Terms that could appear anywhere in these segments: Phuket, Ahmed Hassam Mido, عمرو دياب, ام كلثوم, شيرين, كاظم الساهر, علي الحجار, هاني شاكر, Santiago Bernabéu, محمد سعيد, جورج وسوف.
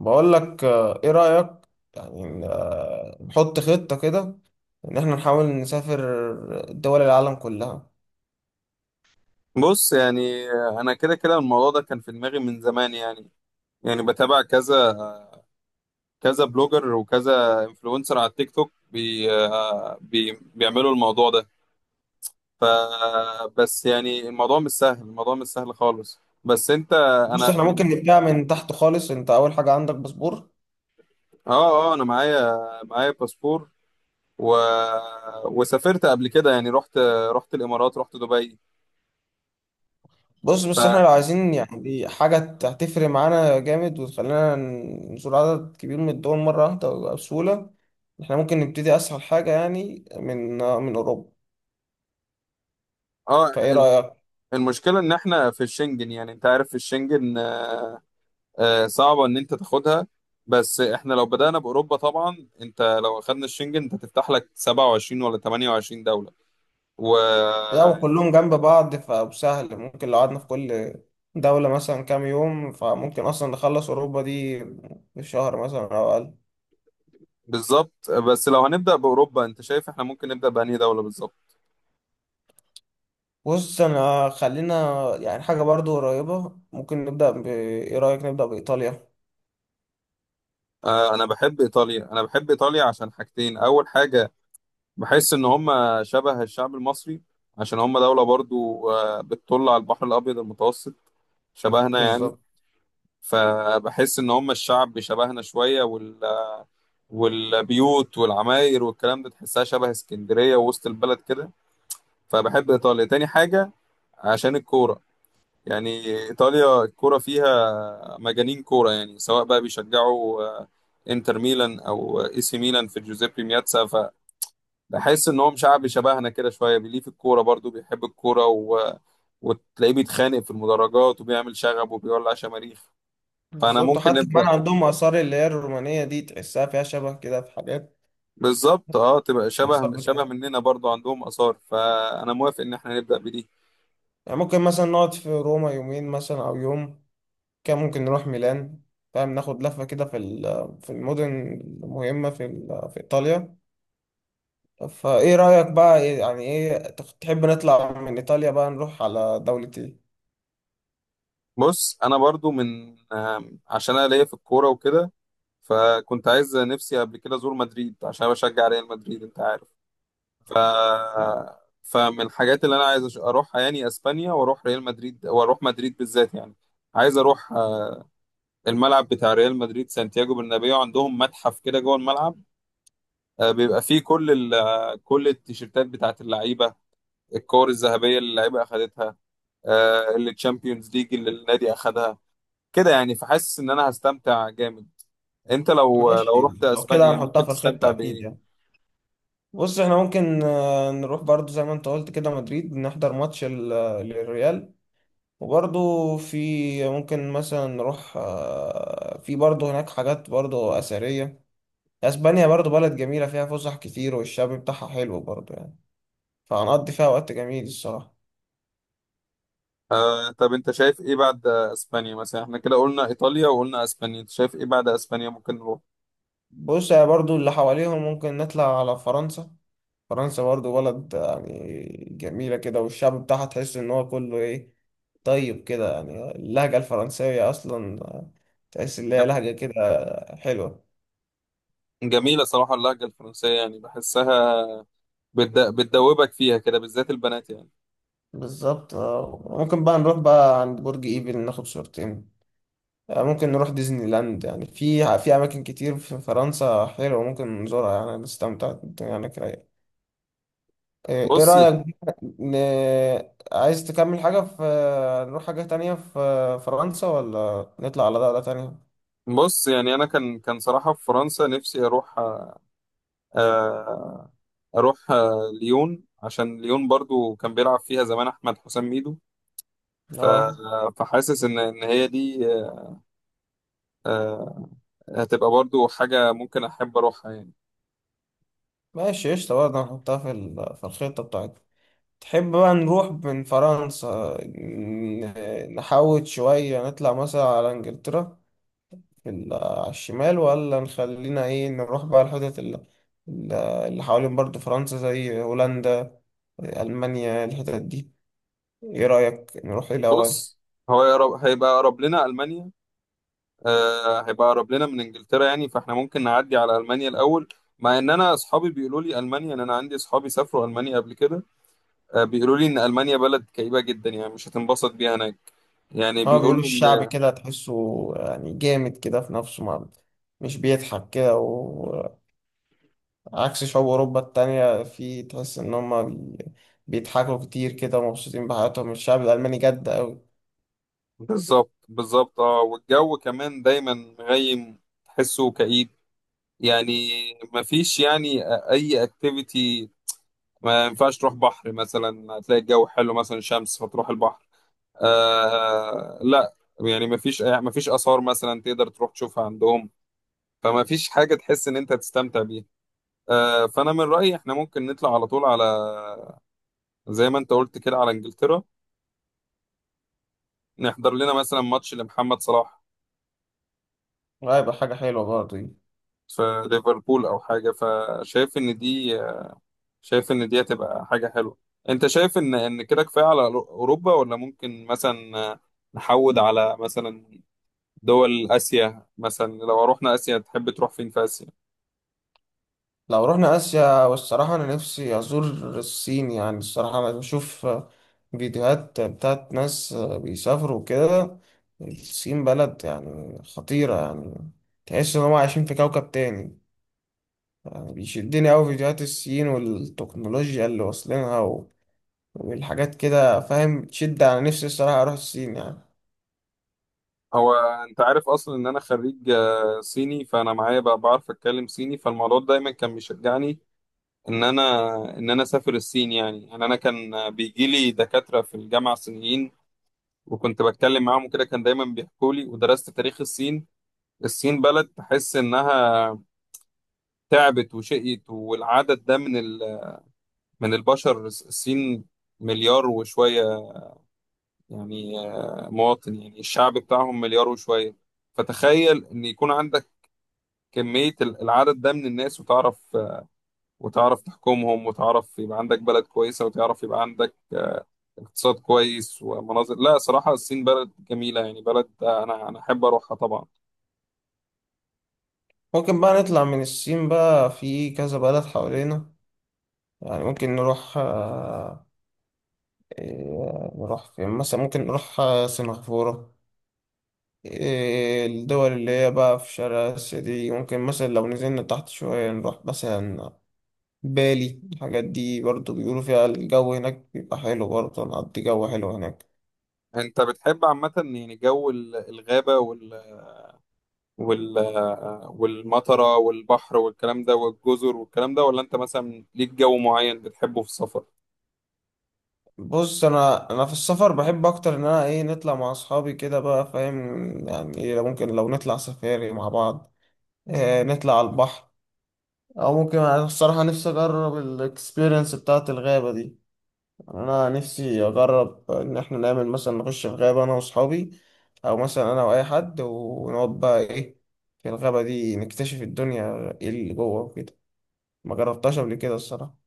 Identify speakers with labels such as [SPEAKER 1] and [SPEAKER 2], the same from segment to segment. [SPEAKER 1] بقول لك آه، ايه رأيك؟ يعني نحط خطة كده ان احنا نحاول نسافر دول العالم كلها.
[SPEAKER 2] بص يعني انا كده كده الموضوع ده كان في دماغي من زمان يعني. بتابع كذا كذا بلوجر وكذا انفلونسر على التيك توك بي آه، بي بيعملوا الموضوع ده. ف بس يعني الموضوع مش سهل، الموضوع مش سهل خالص، بس انت.
[SPEAKER 1] بص،
[SPEAKER 2] انا
[SPEAKER 1] احنا
[SPEAKER 2] من
[SPEAKER 1] ممكن نبدأ من تحت خالص. انت اول حاجة عندك باسبور؟
[SPEAKER 2] اه انا معايا، باسبور و... وسافرت قبل كده، يعني رحت، الامارات، رحت دبي.
[SPEAKER 1] بص
[SPEAKER 2] ف
[SPEAKER 1] بس احنا لو عايزين يعني حاجة هتفرق معانا جامد وتخلينا نزور عدد كبير من الدول مرة واحدة بسهولة، احنا ممكن نبتدي اسهل حاجة يعني من اوروبا.
[SPEAKER 2] اه
[SPEAKER 1] فايه
[SPEAKER 2] الم-
[SPEAKER 1] رأيك؟
[SPEAKER 2] المشكله ان احنا في الشنجن، يعني انت عارف في الشنجن صعبة إن أنت تاخدها. بس إحنا لو بدأنا بأوروبا طبعا، أنت لو أخدنا الشنجن أنت تفتح لك 27 ولا 28 دولة،
[SPEAKER 1] لا،
[SPEAKER 2] وبالظبط.
[SPEAKER 1] وكلهم جنب بعض، فسهل. ممكن لو قعدنا في كل دولة مثلا كام يوم، فممكن أصلا نخلص أوروبا دي في شهر مثلا أو أقل.
[SPEAKER 2] بس لو هنبدأ بأوروبا، أنت شايف إحنا ممكن نبدأ بأنهي دولة بالظبط؟
[SPEAKER 1] بص أنا خلينا يعني حاجة برضو قريبة، ممكن نبدأ ب، إيه رأيك نبدأ بإيطاليا؟
[SPEAKER 2] أنا بحب إيطاليا، أنا بحب إيطاليا عشان حاجتين. أول حاجة، بحس إن هم شبه الشعب المصري عشان هم دولة برضو بتطل على البحر الأبيض المتوسط، شبهنا يعني.
[SPEAKER 1] بالظبط.
[SPEAKER 2] فبحس إن هم الشعب شبهنا شوية، والبيوت والعماير والكلام ده تحسها شبه اسكندرية ووسط البلد كده. فبحب إيطاليا. تاني حاجة، عشان الكورة يعني. إيطاليا الكورة فيها مجانين كورة، يعني سواء بقى بيشجعوا انتر ميلان او اي سي ميلان في جوزيبي مياتسا. فبحس ان هو شعب شبهنا كده شويه بيليه في الكوره، برضو بيحب الكوره وتلاقيه بيتخانق في المدرجات وبيعمل شغب وبيولع شماريخ. فانا
[SPEAKER 1] بالظبط،
[SPEAKER 2] ممكن
[SPEAKER 1] حتى كمان
[SPEAKER 2] نبدا
[SPEAKER 1] عندهم آثار اللي هي الرومانية دي تحسها فيها شبه كده في حاجات.
[SPEAKER 2] بالظبط، اه، تبقى
[SPEAKER 1] الآثار
[SPEAKER 2] شبه
[SPEAKER 1] بتاعتها
[SPEAKER 2] مننا، برضو عندهم اثار، فانا موافق ان احنا نبدا بدي.
[SPEAKER 1] يعني ممكن مثلا نقعد في روما يومين مثلا أو يوم، كان ممكن نروح ميلان، فاهم؟ ناخد لفة كده في المدن المهمة في إيطاليا. فايه رأيك بقى؟ تحب نطلع من ايطاليا بقى نروح على دولة ايه؟
[SPEAKER 2] بص انا برضو من عشان انا ليا في الكوره وكده، فكنت عايز نفسي قبل كده ازور مدريد عشان أنا بشجع ريال مدريد، انت عارف. ف فمن الحاجات اللي انا عايز اروحها يعني اسبانيا، واروح ريال مدريد، واروح مدريد بالذات يعني. عايز اروح الملعب بتاع ريال مدريد سانتياغو برنابيو، عندهم متحف كده جوه الملعب. بيبقى فيه كل ال... آه، كل التيشيرتات بتاعت اللعيبه، الكور الذهبيه اللي اللعيبه اخدتها، اللي تشامبيونز ليج اللي النادي اخدها كده يعني. فحاسس ان انا هستمتع جامد. انت لو
[SPEAKER 1] ماشي،
[SPEAKER 2] رحت
[SPEAKER 1] لو كده
[SPEAKER 2] اسبانيا
[SPEAKER 1] هنحطها
[SPEAKER 2] ممكن
[SPEAKER 1] في
[SPEAKER 2] تستمتع
[SPEAKER 1] الخطة اكيد
[SPEAKER 2] بايه؟
[SPEAKER 1] يعني. بص احنا ممكن نروح برضو زي ما انت قلت كده مدريد، نحضر ماتش للريال. وبرضو في ممكن مثلا نروح، في برضو هناك حاجات برضو أثرية. اسبانيا برضو بلد جميلة، فيها فسح كتير والشعب بتاعها حلو برضو يعني، فهنقضي فيها وقت جميل الصراحة.
[SPEAKER 2] آه، طب انت شايف ايه بعد اسبانيا؟ مثلا احنا كده قلنا ايطاليا وقلنا اسبانيا، انت شايف ايه بعد اسبانيا ممكن نروح؟
[SPEAKER 1] بص يا، برضو اللي حواليهم ممكن نطلع على فرنسا. فرنسا برضو بلد يعني جميلة كده، والشعب بتاعها تحس إن هو كله إيه، طيب كده يعني. اللهجة الفرنسية أصلا تحس إن هي
[SPEAKER 2] جم-
[SPEAKER 1] لهجة كده حلوة.
[SPEAKER 2] جميلة صراحة اللهجة الفرنسية، يعني بحسها بتدوبك فيها كده، بالذات البنات يعني.
[SPEAKER 1] بالظبط. ممكن بقى نروح بقى عند برج إيفل، ناخد صورتين. ممكن نروح ديزني لاند. يعني في أماكن كتير في فرنسا حلوة ممكن نزورها، يعني نستمتع، الدنيا هناك رايقة. إيه
[SPEAKER 2] بص
[SPEAKER 1] رأيك بقى، عايز تكمل حاجة في، نروح حاجة تانية في فرنسا، ولا نطلع على دولة تانية؟
[SPEAKER 2] بص يعني انا كان صراحة في فرنسا نفسي اروح، آه، اروح آه ليون، عشان ليون برضو كان بيلعب فيها زمان احمد حسام ميدو. ف-
[SPEAKER 1] اه،
[SPEAKER 2] فحاسس ان هي دي، آه، هتبقى برضو حاجه ممكن احب اروحها يعني.
[SPEAKER 1] ماشي قشطة برضه، هنحطها في الخطة بتاعتنا. تحب بقى نروح من فرنسا نحوط شوية، نطلع مثلا على انجلترا على الشمال، ولا نخلينا ايه نروح بقى الحتت اللي حوالين برضه فرنسا زي هولندا، ألمانيا، الحتت دي؟ ايه رأيك نروح ايه الأول؟
[SPEAKER 2] بص، هو يقرب هيبقى اقرب لنا المانيا، هيبقى اقرب لنا من انجلترا، يعني فاحنا ممكن نعدي على المانيا الاول. مع ان انا اصحابي بيقولوا لي المانيا، ان انا عندي اصحابي سافروا المانيا قبل كده، بيقولوا لي ان المانيا بلد كئيبه جدا، يعني مش هتنبسط بيها هناك. يعني
[SPEAKER 1] اه، بيقولوا
[SPEAKER 2] بيقولوا
[SPEAKER 1] الشعب
[SPEAKER 2] ان
[SPEAKER 1] كده تحسه يعني جامد كده في نفسه، ما مش بيضحك كده، عكس شعوب أوروبا التانية في تحس إن هما بيضحكوا كتير كده ومبسوطين بحياتهم، الشعب الألماني جد أوي.
[SPEAKER 2] بالظبط، بالظبط، اه، والجو كمان دايما مغيم، تحسه كئيب يعني. مفيش يعني اي اكتيفيتي، ما ينفعش تروح بحر مثلا هتلاقي الجو حلو مثلا شمس فتروح البحر، آه لا. يعني ما فيش آثار مثلا تقدر تروح تشوفها عندهم، فما فيش حاجة تحس إن أنت تستمتع بيها. آه، فأنا من رأيي إحنا ممكن نطلع على طول على، زي ما أنت قلت كده، على إنجلترا، نحضر لنا مثلا ماتش لمحمد صلاح
[SPEAKER 1] هيبقى حاجة حلوة برضه دي.
[SPEAKER 2] في ليفربول أو حاجة. فشايف إن دي، شايف إن دي هتبقى حاجة حلوة. أنت شايف إن كده كفاية على أوروبا، ولا ممكن مثلا نحود على مثلا دول آسيا؟ مثلا لو رحنا آسيا، تحب تروح فين في آسيا؟
[SPEAKER 1] لو رحنا آسيا، والصراحة أنا نفسي أزور الصين، يعني الصراحة أنا بشوف فيديوهات بتاعت ناس بيسافروا كده. الصين بلد يعني خطيرة، يعني تحس إن هما عايشين في كوكب تاني. يعني بيشدني أوي فيديوهات الصين والتكنولوجيا اللي واصلينها والحاجات كده، فاهم؟ تشد على نفسي الصراحة أروح الصين يعني.
[SPEAKER 2] هو انت عارف اصلا ان انا خريج صيني، فانا معايا بقى بعرف اتكلم صيني، فالموضوع ده دايما كان بيشجعني ان انا، اسافر الصين يعني. يعني انا كان بيجي لي دكاترة في الجامعة صينيين، وكنت بتكلم معاهم وكده، كان دايما بيحكوا لي، ودرست تاريخ الصين. الصين بلد تحس انها تعبت وشقيت، والعدد ده من من البشر، الصين مليار وشوية يعني، مواطن، يعني الشعب بتاعهم مليار وشوية. فتخيل إن يكون عندك كمية العدد ده من الناس، وتعرف وتعرف تحكمهم، وتعرف يبقى عندك بلد كويسة، وتعرف يبقى عندك اقتصاد كويس ومناظر. لا صراحة الصين بلد جميلة، يعني بلد، أنا أحب أروحها طبعا.
[SPEAKER 1] ممكن بقى نطلع من الصين بقى، في كذا بلد حوالينا، يعني ممكن نروح، آه، إيه، نروح فين مثلا؟ ممكن نروح سنغافورة. إيه، الدول اللي هي بقى في شرق آسيا دي ممكن، مثلا لو نزلنا تحت شوية نروح مثلا بالي، الحاجات دي برضو بيقولوا فيها الجو هناك بيبقى حلو، برضو نقضي جو حلو هناك.
[SPEAKER 2] أنت بتحب عامة يعني جو الغابة، والمطرة والبحر والكلام ده، والجزر والكلام ده، ولا أنت مثلا ليك جو معين بتحبه في السفر؟
[SPEAKER 1] بص انا في السفر بحب اكتر ان انا ايه، نطلع مع اصحابي كده بقى، فاهم يعني؟ إيه، ممكن لو نطلع سفاري مع بعض، إيه نطلع على البحر، او ممكن انا الصراحه نفسي اجرب الاكسبيرينس بتاعه الغابه دي. يعني انا نفسي اجرب ان احنا نعمل مثلا، نخش في غابه انا واصحابي، او مثلا انا واي حد، ونقعد بقى ايه في الغابه دي، نكتشف الدنيا ايه اللي جوه وكده. ما جربتهاش قبل كده الصراحه.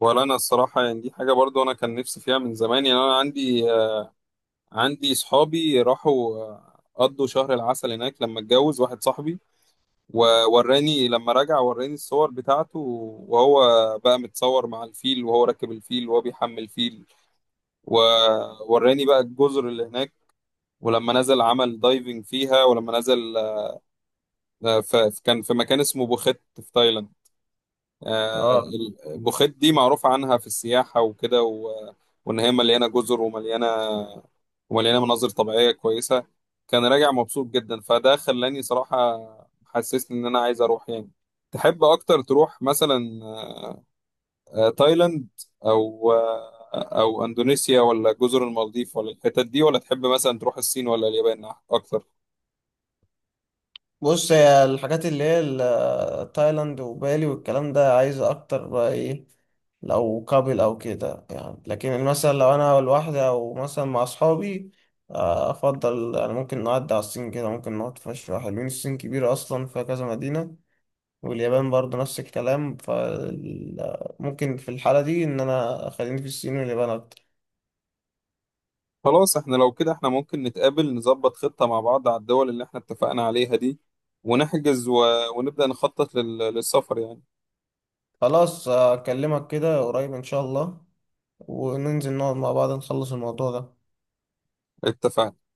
[SPEAKER 2] ولا انا الصراحه يعني دي حاجه برضو انا كان نفسي فيها من زمان. يعني انا عندي عندي صحابي راحوا قضوا شهر العسل هناك لما اتجوز واحد صاحبي، ووراني لما رجع، وراني الصور بتاعته وهو بقى متصور مع الفيل وهو راكب الفيل وهو بيحمل فيل، ووراني بقى الجزر اللي هناك ولما نزل عمل دايفنج فيها. ولما نزل كان في مكان اسمه بوخت في تايلاند. آه،
[SPEAKER 1] اه،
[SPEAKER 2] البوخيت دي معروف عنها في السياحة وكده، وإن هي مليانة جزر ومليانة مناظر طبيعية كويسة. كان راجع مبسوط جدا، فده خلاني صراحة، حسسني إن أنا عايز أروح يعني. تحب أكتر تروح مثلا تايلاند أو آه، أو أندونيسيا، ولا جزر المالديف، ولا الحتت دي، ولا تحب مثلا تروح الصين ولا اليابان أكتر؟
[SPEAKER 1] بص هي الحاجات اللي هي تايلاند وبالي والكلام ده عايزة أكتر بقى إيه، لو كابل أو كده يعني. لكن مثلا لو أنا لوحدي أو مثلا مع أصحابي، أفضل يعني ممكن نعدي على الصين كده، ممكن نقعد في شوية حلوين، الصين كبيرة أصلا فيها كذا مدينة، واليابان برضو نفس الكلام. فممكن في الحالة دي إن أنا خليني في الصين واليابان أكتر.
[SPEAKER 2] خلاص، احنا لو كده احنا ممكن نتقابل نظبط خطة مع بعض على الدول اللي احنا اتفقنا عليها دي، ونحجز ونبدأ نخطط للسفر يعني.
[SPEAKER 1] خلاص، أكلمك كده قريب إن شاء الله، وننزل نقعد مع بعض نخلص الموضوع ده.
[SPEAKER 2] اتفقنا.